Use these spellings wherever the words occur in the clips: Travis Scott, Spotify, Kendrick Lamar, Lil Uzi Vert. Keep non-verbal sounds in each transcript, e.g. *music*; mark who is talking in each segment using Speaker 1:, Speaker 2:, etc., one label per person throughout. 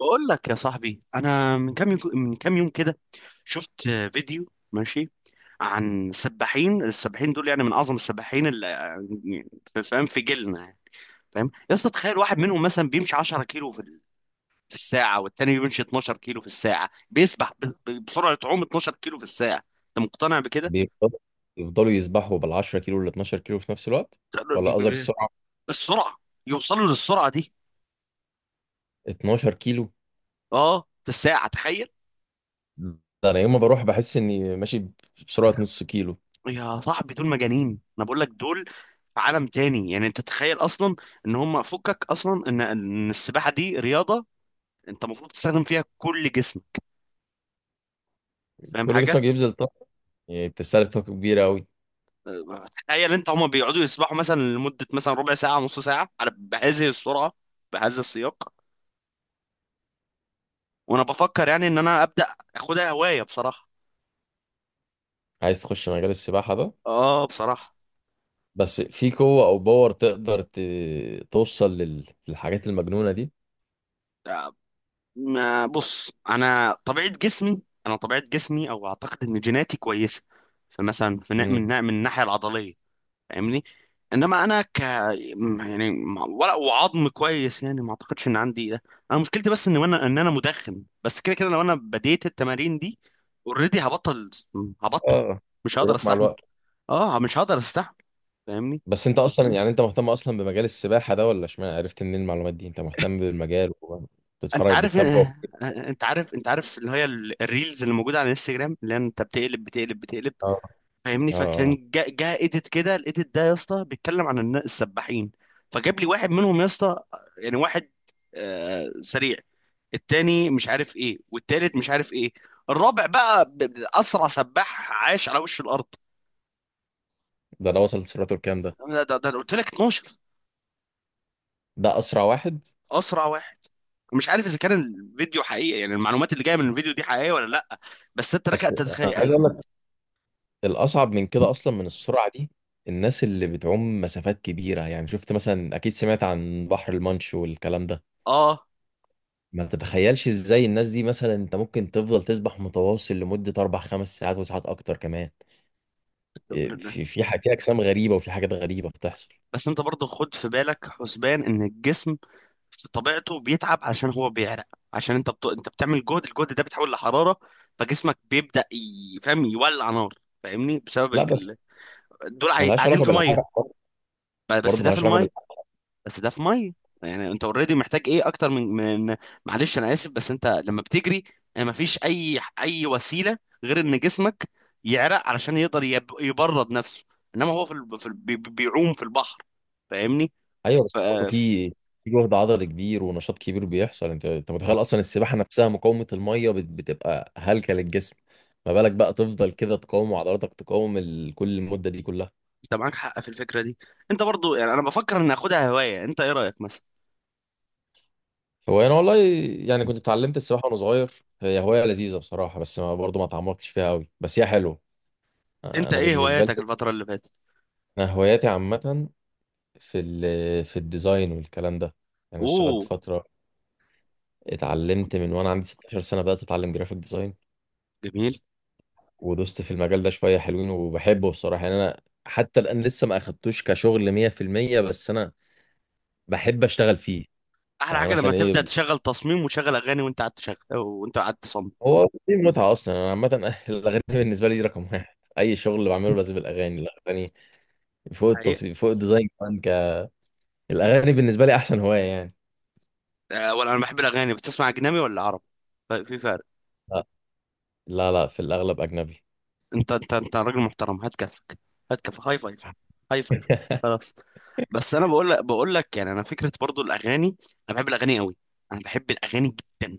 Speaker 1: بقول لك يا صاحبي انا من كام يوم كده شفت فيديو. ماشي. عن السباحين دول، يعني من اعظم السباحين اللي فاهم في جيلنا يعني، فاهم يا اسطى. تخيل واحد منهم مثلا بيمشي 10 كيلو في الساعه، والتاني بيمشي 12 كيلو في الساعه، بيسبح بسرعه عوم 12 كيلو في الساعه. انت مقتنع بكده؟
Speaker 2: بيفضلوا يفضلوا يسبحوا بال 10 كيلو وال 12 كيلو في نفس الوقت، ولا قصدك السرعه؟
Speaker 1: السرعه، يوصلوا للسرعه دي.
Speaker 2: 12 كيلو.
Speaker 1: اه، في الساعه، تخيل.
Speaker 2: ده انا يوم ما بروح بحس اني ماشي بسرعه نص كيلو.
Speaker 1: يا صاحبي دول مجانين، انا بقول لك دول في عالم تاني يعني. انت تخيل اصلا ان هم فكك اصلا ان السباحه دي رياضه، انت المفروض تستخدم فيها كل جسمك، فاهم
Speaker 2: كل
Speaker 1: حاجه؟
Speaker 2: جسمك بيبذل طاقه، يعني بتستهلك طاقه كبيره قوي.
Speaker 1: تخيل انت هم بيقعدوا يسبحوا مثلا لمده مثلا ربع ساعه نص ساعه على بهذه السرعه، بهذا السياق. وانا بفكر يعني ان انا ابدا اخدها هوايه بصراحه.
Speaker 2: عايز تخش مجال السباحه ده؟
Speaker 1: اه بصراحه.
Speaker 2: بس في قوه او باور تقدر ت... توصل لل... للحاجات المجنونه دي؟
Speaker 1: أه، ما- بص، انا طبيعه جسمي او اعتقد ان جيناتي كويسه. فمثلا في نا-
Speaker 2: امم.
Speaker 1: من نا- من الناحيه العضليه، فاهمني. انما انا ك م- يعني م- ولا وعظم كويس، يعني ما اعتقدش ان عندي ده. انا مشكلتي بس ان انا مدخن. بس كده كده لو انا بديت التمارين دي اوريدي هبطل،
Speaker 2: اه،
Speaker 1: مش هقدر
Speaker 2: بيروح مع
Speaker 1: استحمل.
Speaker 2: الوقت.
Speaker 1: اه مش هقدر استحمل، فاهمني.
Speaker 2: بس انت اصلا يعني انت مهتم اصلا بمجال السباحه ده، ولا اشمعنى عرفت منين المعلومات دي؟ انت مهتم بالمجال
Speaker 1: انت
Speaker 2: وبتتفرج
Speaker 1: عارف؟
Speaker 2: بتتابعه كتير؟
Speaker 1: انت عارف اللي هي الريلز اللي موجوده على الانستجرام، اللي هي انت بتقلب بتقلب بتقلب.
Speaker 2: اه.
Speaker 1: فاهمني.
Speaker 2: اه. آه.
Speaker 1: فكان جا ايديت كده، الايديت ده يا اسطى بيتكلم عن السباحين. فجاب لي واحد منهم يا اسطى، يعني واحد سريع، التاني مش عارف ايه، والتالت مش عارف ايه، الرابع بقى اسرع سباح عاش على وش الارض.
Speaker 2: ده وصل لسرعته الكام ده؟
Speaker 1: ده قلت لك 12.
Speaker 2: ده اسرع واحد.
Speaker 1: اسرع واحد. مش عارف اذا كان الفيديو حقيقي، يعني المعلومات اللي جايه من الفيديو دي حقيقيه ولا لا، بس انت لك
Speaker 2: بس
Speaker 1: ان
Speaker 2: انا عايز
Speaker 1: تتخيل.
Speaker 2: اقول لك الاصعب من كده اصلا من السرعه دي الناس اللي بتعوم مسافات كبيره. يعني شفت مثلا، اكيد سمعت عن بحر المانش والكلام ده.
Speaker 1: اه
Speaker 2: ما تتخيلش ازاي الناس دي، مثلا انت ممكن تفضل تسبح متواصل لمده اربع خمس ساعات وساعات اكتر كمان. إيه، في اجسام غريبه وفي حاجات غريبه بتحصل.
Speaker 1: بس انت برضه خد في بالك حسبان ان الجسم في طبيعته بيتعب عشان هو بيعرق، عشان انت انت بتعمل جهد، الجهد ده بيتحول لحراره، فجسمك بيبدا فاهم يولع نار، فاهمني بسبب
Speaker 2: لا بس
Speaker 1: الجل... دول عاي-
Speaker 2: ملهاش
Speaker 1: قاعدين
Speaker 2: علاقه
Speaker 1: في ميه.
Speaker 2: بالعرق برضه.
Speaker 1: بس
Speaker 2: برضه
Speaker 1: ده في
Speaker 2: ملهاش علاقه.
Speaker 1: الميه. بس ده في ميه، يعني انت اوريدي محتاج ايه اكتر من معلش انا اسف، بس انت لما بتجري ما فيش اي وسيله غير ان جسمك يعرق علشان يقدر يبرد نفسه، انما هو بيعوم في البحر، فاهمني.
Speaker 2: ايوه، بس برضه في جهد عضلي كبير ونشاط كبير بيحصل. انت متخيل اصلا السباحه نفسها؟ مقاومه الميه بتبقى هلكه للجسم. ما بالك بقى تفضل كده تقاوم عضلاتك، تقاوم كل المده دي كلها.
Speaker 1: انت معاك حق في الفكره دي. انت برضو يعني انا بفكر ان اخدها هوايه، انت ايه رايك مثلا؟
Speaker 2: هو انا والله يعني كنت اتعلمت السباحه وانا صغير. هي هوايه لذيذه بصراحه، بس ما برضه ما اتعمقتش فيها قوي، بس هي حلوه.
Speaker 1: انت
Speaker 2: انا
Speaker 1: ايه
Speaker 2: بالنسبه
Speaker 1: هواياتك
Speaker 2: لي
Speaker 1: الفتره اللي فاتت؟
Speaker 2: انا هواياتي عامه. في الديزاين والكلام ده يعني. انا اشتغلت
Speaker 1: اوه.
Speaker 2: فتره، اتعلمت من وانا عندي 16 سنه، بدات اتعلم جرافيك ديزاين
Speaker 1: جميل.
Speaker 2: ودوست في المجال ده شوية حلوين، وبحبه بصراحة. يعني أنا حتى الآن لسه ما أخدتوش كشغل 100%، بس أنا بحب أشتغل فيه.
Speaker 1: احلى
Speaker 2: يعني
Speaker 1: حاجه لما
Speaker 2: مثلا
Speaker 1: تبدا
Speaker 2: إيه؟
Speaker 1: تشغل تصميم وتشغل اغاني وانت قاعد تشغل وانت قاعد تصمم،
Speaker 2: هو في متعة أصلا. أنا عامة *laughs* الأغاني بالنسبة لي دي رقم واحد. أي شغل بعمله لازم الأغاني فوق
Speaker 1: حقيقه.
Speaker 2: التصوير، فوق الديزاين كمان الأغاني بالنسبة لي أحسن هواية يعني.
Speaker 1: أه، ولا انا بحب الاغاني. بتسمع اجنبي ولا عربي؟ في فرق.
Speaker 2: لا، لا، لا، في الأغلب أجنبي.
Speaker 1: انت راجل محترم، هات كفك، هات كفك، هاي فايف، هاي فايف.
Speaker 2: *laughs*
Speaker 1: خلاص. بس انا بقول لك يعني انا فكره برضو الاغاني، انا بحب الاغاني قوي، انا بحب الاغاني جدا.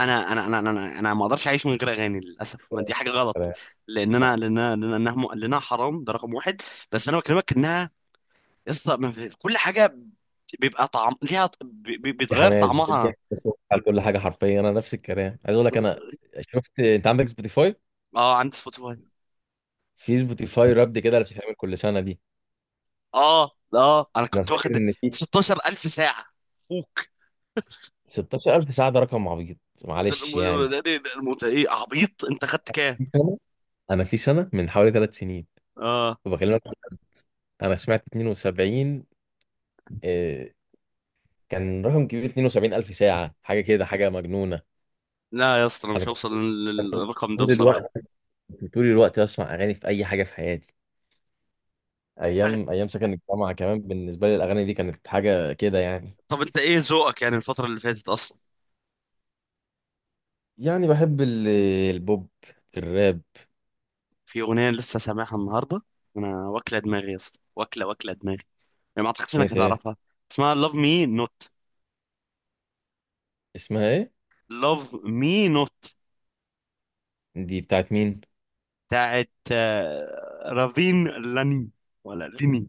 Speaker 1: انا ما اقدرش اعيش من غير اغاني للاسف، دي حاجه
Speaker 2: نفس
Speaker 1: غلط.
Speaker 2: الكلام.
Speaker 1: لان انا
Speaker 2: لا،
Speaker 1: لان أنا- لان انها م- لانها حرام، ده رقم واحد. بس انا بكلمك انها يسطا ما في- كل حاجه بيبقى طعم ليها ط- بي- بي-
Speaker 2: في
Speaker 1: بيتغير
Speaker 2: حماس بتدي
Speaker 1: طعمها.
Speaker 2: على كل حاجة. حرفيا أنا نفس الكلام عايز أقول لك. أنا شفت أنت عندك سبوتيفاي.
Speaker 1: اه عندي سبوتيفاي.
Speaker 2: في سبوتيفاي رابد كده اللي بتتعمل كل سنه دي.
Speaker 1: اه انا
Speaker 2: انا
Speaker 1: كنت واخد
Speaker 2: فاكر ان في
Speaker 1: 16000 ساعه فوك.
Speaker 2: 16000 ساعه. ده رقم عبيط،
Speaker 1: ده
Speaker 2: معلش يعني.
Speaker 1: ايه عبيط، انت خدت كام؟
Speaker 2: في سنة؟ انا في سنه من حوالي ثلاث سنين.
Speaker 1: اه.
Speaker 2: وبكلمك، انا سمعت 72. آه، كان رقم كبير. 72000 ساعه. حاجه كده، حاجه مجنونه.
Speaker 1: لا يا اسطى انا
Speaker 2: انا
Speaker 1: مش
Speaker 2: كنت
Speaker 1: هوصل للرقم ده
Speaker 2: طول
Speaker 1: بصراحه.
Speaker 2: الوقت، طول الوقت بسمع اغاني في اي حاجه في حياتي. ايام ايام سكن الجامعه كمان بالنسبه لي الاغاني دي كانت حاجه كده يعني.
Speaker 1: طب انت ايه ذوقك يعني الفتره اللي فاتت اصلا؟
Speaker 2: يعني بحب البوب الراب.
Speaker 1: في اغنيه لسه سامعها النهارده، انا واكله دماغي يا اسطى، واكله دماغي، يعني ما اعتقدش
Speaker 2: اغنيه
Speaker 1: انك
Speaker 2: ايه؟
Speaker 1: هتعرفها. اسمها Love Me Not.
Speaker 2: اسمها ايه؟
Speaker 1: Love Me Not.
Speaker 2: دي بتاعت مين؟
Speaker 1: بتاعت رافين لاني، ولا ليني.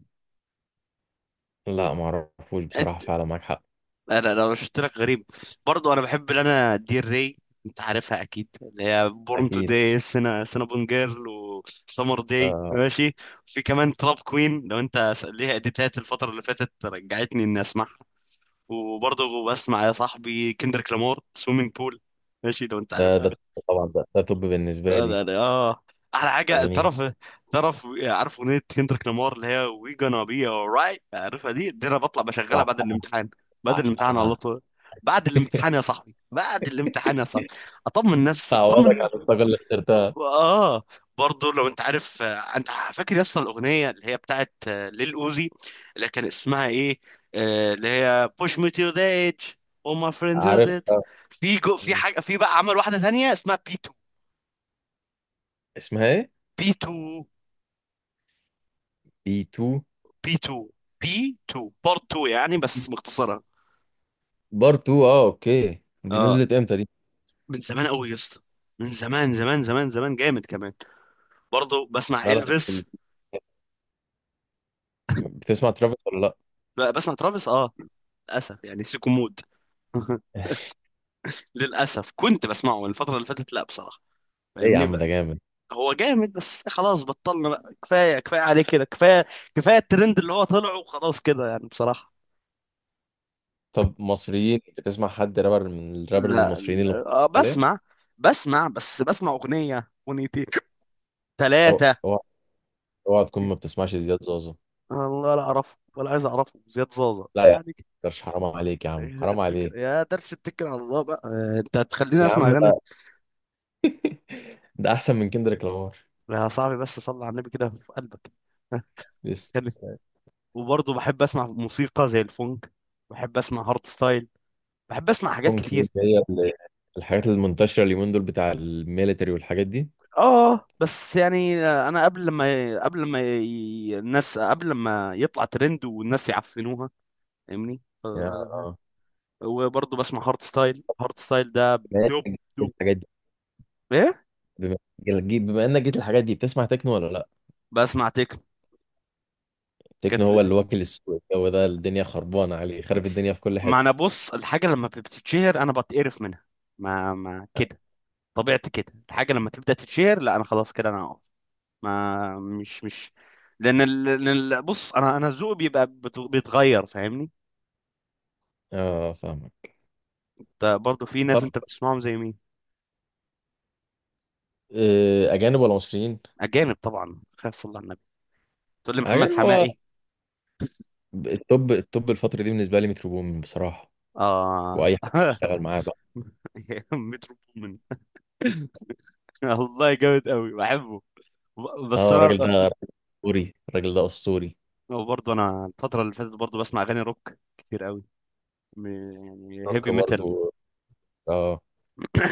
Speaker 2: لا ما اعرفوش بصراحة.
Speaker 1: انت
Speaker 2: فعلا معاك حق.
Speaker 1: انا لو شفت لك غريب، برضو انا بحب انا دير ري. انت عارفها اكيد، اللي هي بورن تو
Speaker 2: اكيد.
Speaker 1: داي، سنابون جيرل، وسمر داي،
Speaker 2: آه.
Speaker 1: ماشي. في كمان تراب كوين، لو انت ليها اديتات الفتره اللي فاتت رجعتني اني اسمعها. وبرضه بسمع يا صاحبي كندريك لامار، سويمنج بول، ماشي لو انت
Speaker 2: ده
Speaker 1: عارفها.
Speaker 2: ده طبعا. ده طب بالنسبة لي
Speaker 1: اه. احلى حاجه،
Speaker 2: اغاني.
Speaker 1: تعرف عارف اغنيه كندريك لامار اللي هي وي gonna be alright، عارفها؟ دي انا بطلع بشغلها
Speaker 2: طبعا
Speaker 1: بعد الامتحان، بعد الامتحان على
Speaker 2: بعشقها.
Speaker 1: طول، بعد الامتحان
Speaker 2: *laughs*
Speaker 1: يا صاحبي، بعد الامتحان يا صاحبي، اطمن نفسي اطمن.
Speaker 2: تعوضك عن الطاقة اللي خسرتها.
Speaker 1: اه. برضه لو انت عارف، انت فاكر يا اسطى الاغنيه اللي هي بتاعت ليل اوزي، اللي كان اسمها ايه، اللي هي push me to the edge، all my friends are
Speaker 2: عارف؟
Speaker 1: dead.
Speaker 2: آه،
Speaker 1: في جو، في حاجه، في بقى عمل واحده تانية اسمها بي 2.
Speaker 2: اسمها ايه؟
Speaker 1: بي 2.
Speaker 2: بي 2.
Speaker 1: بي 2. بي 2 بارت 2 يعني، بس مختصرها.
Speaker 2: بار 2. اه اوكي، دي
Speaker 1: اه.
Speaker 2: نزلت امتى دي؟
Speaker 1: من زمان قوي يا اسطى، من زمان زمان زمان زمان، جامد كمان. برضه بسمع
Speaker 2: لا، لا، بتسمع ترافيس ولا لا؟
Speaker 1: بسمع ترافيس، اه. للاسف يعني سيكو مود. *laughs* للاسف كنت بسمعه من الفتره اللي فاتت، لا بصراحه،
Speaker 2: *laughs* ايه يا
Speaker 1: فاهمني
Speaker 2: عم ده
Speaker 1: بقى.
Speaker 2: جامد.
Speaker 1: هو جامد بس خلاص بطلنا بقى، كفايه، كفايه عليه كده، كفايه، كفايه الترند اللي هو طلعه وخلاص كده يعني بصراحه.
Speaker 2: طب مصريين، بتسمع حد رابر من الرابرز
Speaker 1: لا,
Speaker 2: المصريين اللي
Speaker 1: لا.
Speaker 2: مصريين حاليا؟
Speaker 1: بسمع بس بسمع اغنيه، اغنيتين، ثلاثه.
Speaker 2: اوعى اوعى تكون ما بتسمعش زياد زوزو.
Speaker 1: والله لا اعرفه ولا عايز اعرفه زياد زازا،
Speaker 2: لا يا عم،
Speaker 1: يعني كده.
Speaker 2: متقدرش، حرام عليك يا عم، حرام
Speaker 1: اتكل
Speaker 2: عليك.
Speaker 1: يا درس، اتكل على الله بقى. انت هتخليني
Speaker 2: يا
Speaker 1: اسمع
Speaker 2: عم،
Speaker 1: اغاني.
Speaker 2: ده احسن من كندريك لامار.
Speaker 1: يا صاحبي بس صلي على النبي كده في قلبك. *laughs* خلي
Speaker 2: لسه.
Speaker 1: وبرضه بحب اسمع موسيقى زي الفونك، بحب اسمع هارد ستايل، بحب اسمع حاجات
Speaker 2: فونكي دي
Speaker 1: كتير.
Speaker 2: اللي هي الحاجات المنتشره اليومين دول، بتاع الميليتري والحاجات دي.
Speaker 1: اه بس يعني، انا قبل ما قبل ما ي- الناس قبل ما يطلع ترند والناس يعفنوها، فاهمني.
Speaker 2: يا آه.
Speaker 1: وبرضه بسمع هارت ستايل، هارت ستايل ده
Speaker 2: بما
Speaker 1: دوب،
Speaker 2: إنك جيت
Speaker 1: دوب
Speaker 2: الحاجات دي،
Speaker 1: ايه؟
Speaker 2: بما بما انك جيت الحاجات دي، بتسمع تكنو ولا لا؟
Speaker 1: بسمع تكنو.
Speaker 2: تكنو
Speaker 1: كانت
Speaker 2: هو
Speaker 1: ل-
Speaker 2: اللي واكل السوق. هو ده، الدنيا خربانه عليه، خرب الدنيا في كل
Speaker 1: ما انا
Speaker 2: حته.
Speaker 1: بص، الحاجه لما بتتشهر انا بتقرف منها، ما كده. طبيعتي كده، الحاجه لما تبدا تتشهر لا انا خلاص كده، انا هقف. ما مش مش لان ال... لأن ال- بص انا ذوقي بيبقى بيتغير، فاهمني.
Speaker 2: اه فاهمك.
Speaker 1: برضه في ناس
Speaker 2: طب
Speaker 1: انت بتسمعهم زي مين؟
Speaker 2: آه، اجانب ولا مصريين؟
Speaker 1: اجانب طبعا، خير صلى على النبي، تقول لي محمد
Speaker 2: اجانب. هو
Speaker 1: حماقي؟
Speaker 2: التوب التوب الفتره دي بالنسبه لي مترو بومين بصراحه،
Speaker 1: اه.
Speaker 2: واي حد
Speaker 1: *laughs*
Speaker 2: بيشتغل معاه بقى.
Speaker 1: مترو بومن. *laughs* والله جامد قوي بحبه. بس
Speaker 2: اه الراجل
Speaker 1: انا
Speaker 2: ده اسطوري، الراجل ده اسطوري.
Speaker 1: برضه انا الفتره اللي فاتت برضه بسمع اغاني روك كتير قوي، م- يعني هيفي
Speaker 2: روك
Speaker 1: ميتال.
Speaker 2: برضه. آه.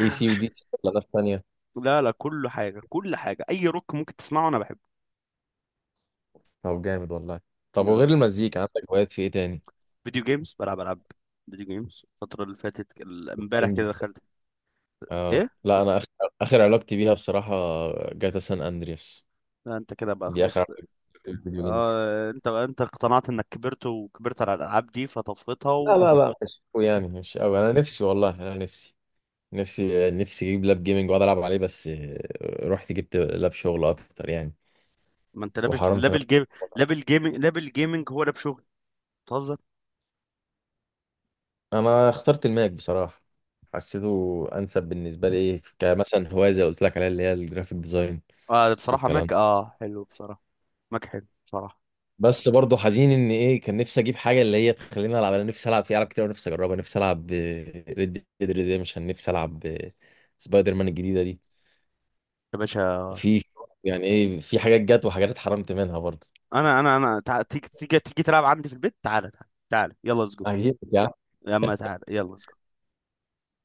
Speaker 2: اي سي ودي سي ولا ناس تانية؟
Speaker 1: لا لا، كل حاجه، كل حاجه اي روك ممكن تسمعه انا بحبه.
Speaker 2: طب جامد والله. طب وغير
Speaker 1: يعني
Speaker 2: المزيكا عندك هوايات في ايه تاني؟
Speaker 1: فيديو جيمز، بلعب العاب فيديو جيمز الفتره اللي فاتت امبارح كده
Speaker 2: جيمز.
Speaker 1: دخلت،
Speaker 2: اه
Speaker 1: ايه؟
Speaker 2: لا، انا اخر اخر علاقتي بيها بصراحة جاتا سان اندرياس.
Speaker 1: لا انت كده بقى
Speaker 2: دي اخر
Speaker 1: خلاص.
Speaker 2: علاقتي بيها في الفيديو جيمز.
Speaker 1: اه. انت اقتنعت انك كبرت وكبرت على الالعاب دي
Speaker 2: لا
Speaker 1: فطفيتها.
Speaker 2: لا لا مش أوي يعني، مش قوي. انا نفسي والله، انا نفسي نفسي نفسي اجيب لاب جيمنج واقعد العب عليه، بس آه، رحت جبت لاب شغل اكتر يعني.
Speaker 1: ما انت لابس
Speaker 2: وحرمت
Speaker 1: لابل
Speaker 2: نفسي.
Speaker 1: جيم. لابل جيمنج هو لاب شغل؟ بتهزر.
Speaker 2: انا اخترت الماك بصراحة، حسيته انسب بالنسبة لي. إيه، كمثلا هواية زي اللي قلت لك عليها اللي هي الجرافيك ديزاين
Speaker 1: اه بصراحه
Speaker 2: والكلام.
Speaker 1: ماك، اه حلو بصراحه، ماك حلو بصراحه.
Speaker 2: بس برضه حزين ان ايه كان نفسي اجيب حاجه اللي هي تخليني العب. انا نفسي العب في العاب كتير ونفسي اجربها. نفسي العب ريد ديد ريديمشن، نفسي العب سبايدر مان الجديده دي.
Speaker 1: يا باشا.
Speaker 2: في، يعني ايه في حاجات جت وحاجات اتحرمت منها برضه.
Speaker 1: تيجي تيجي تيجي تلعب عندي في البيت، تعالى تعالى تعالى، يلا ليتس جو.
Speaker 2: هجيبك يا عم.
Speaker 1: يا عم تعالى يلا let's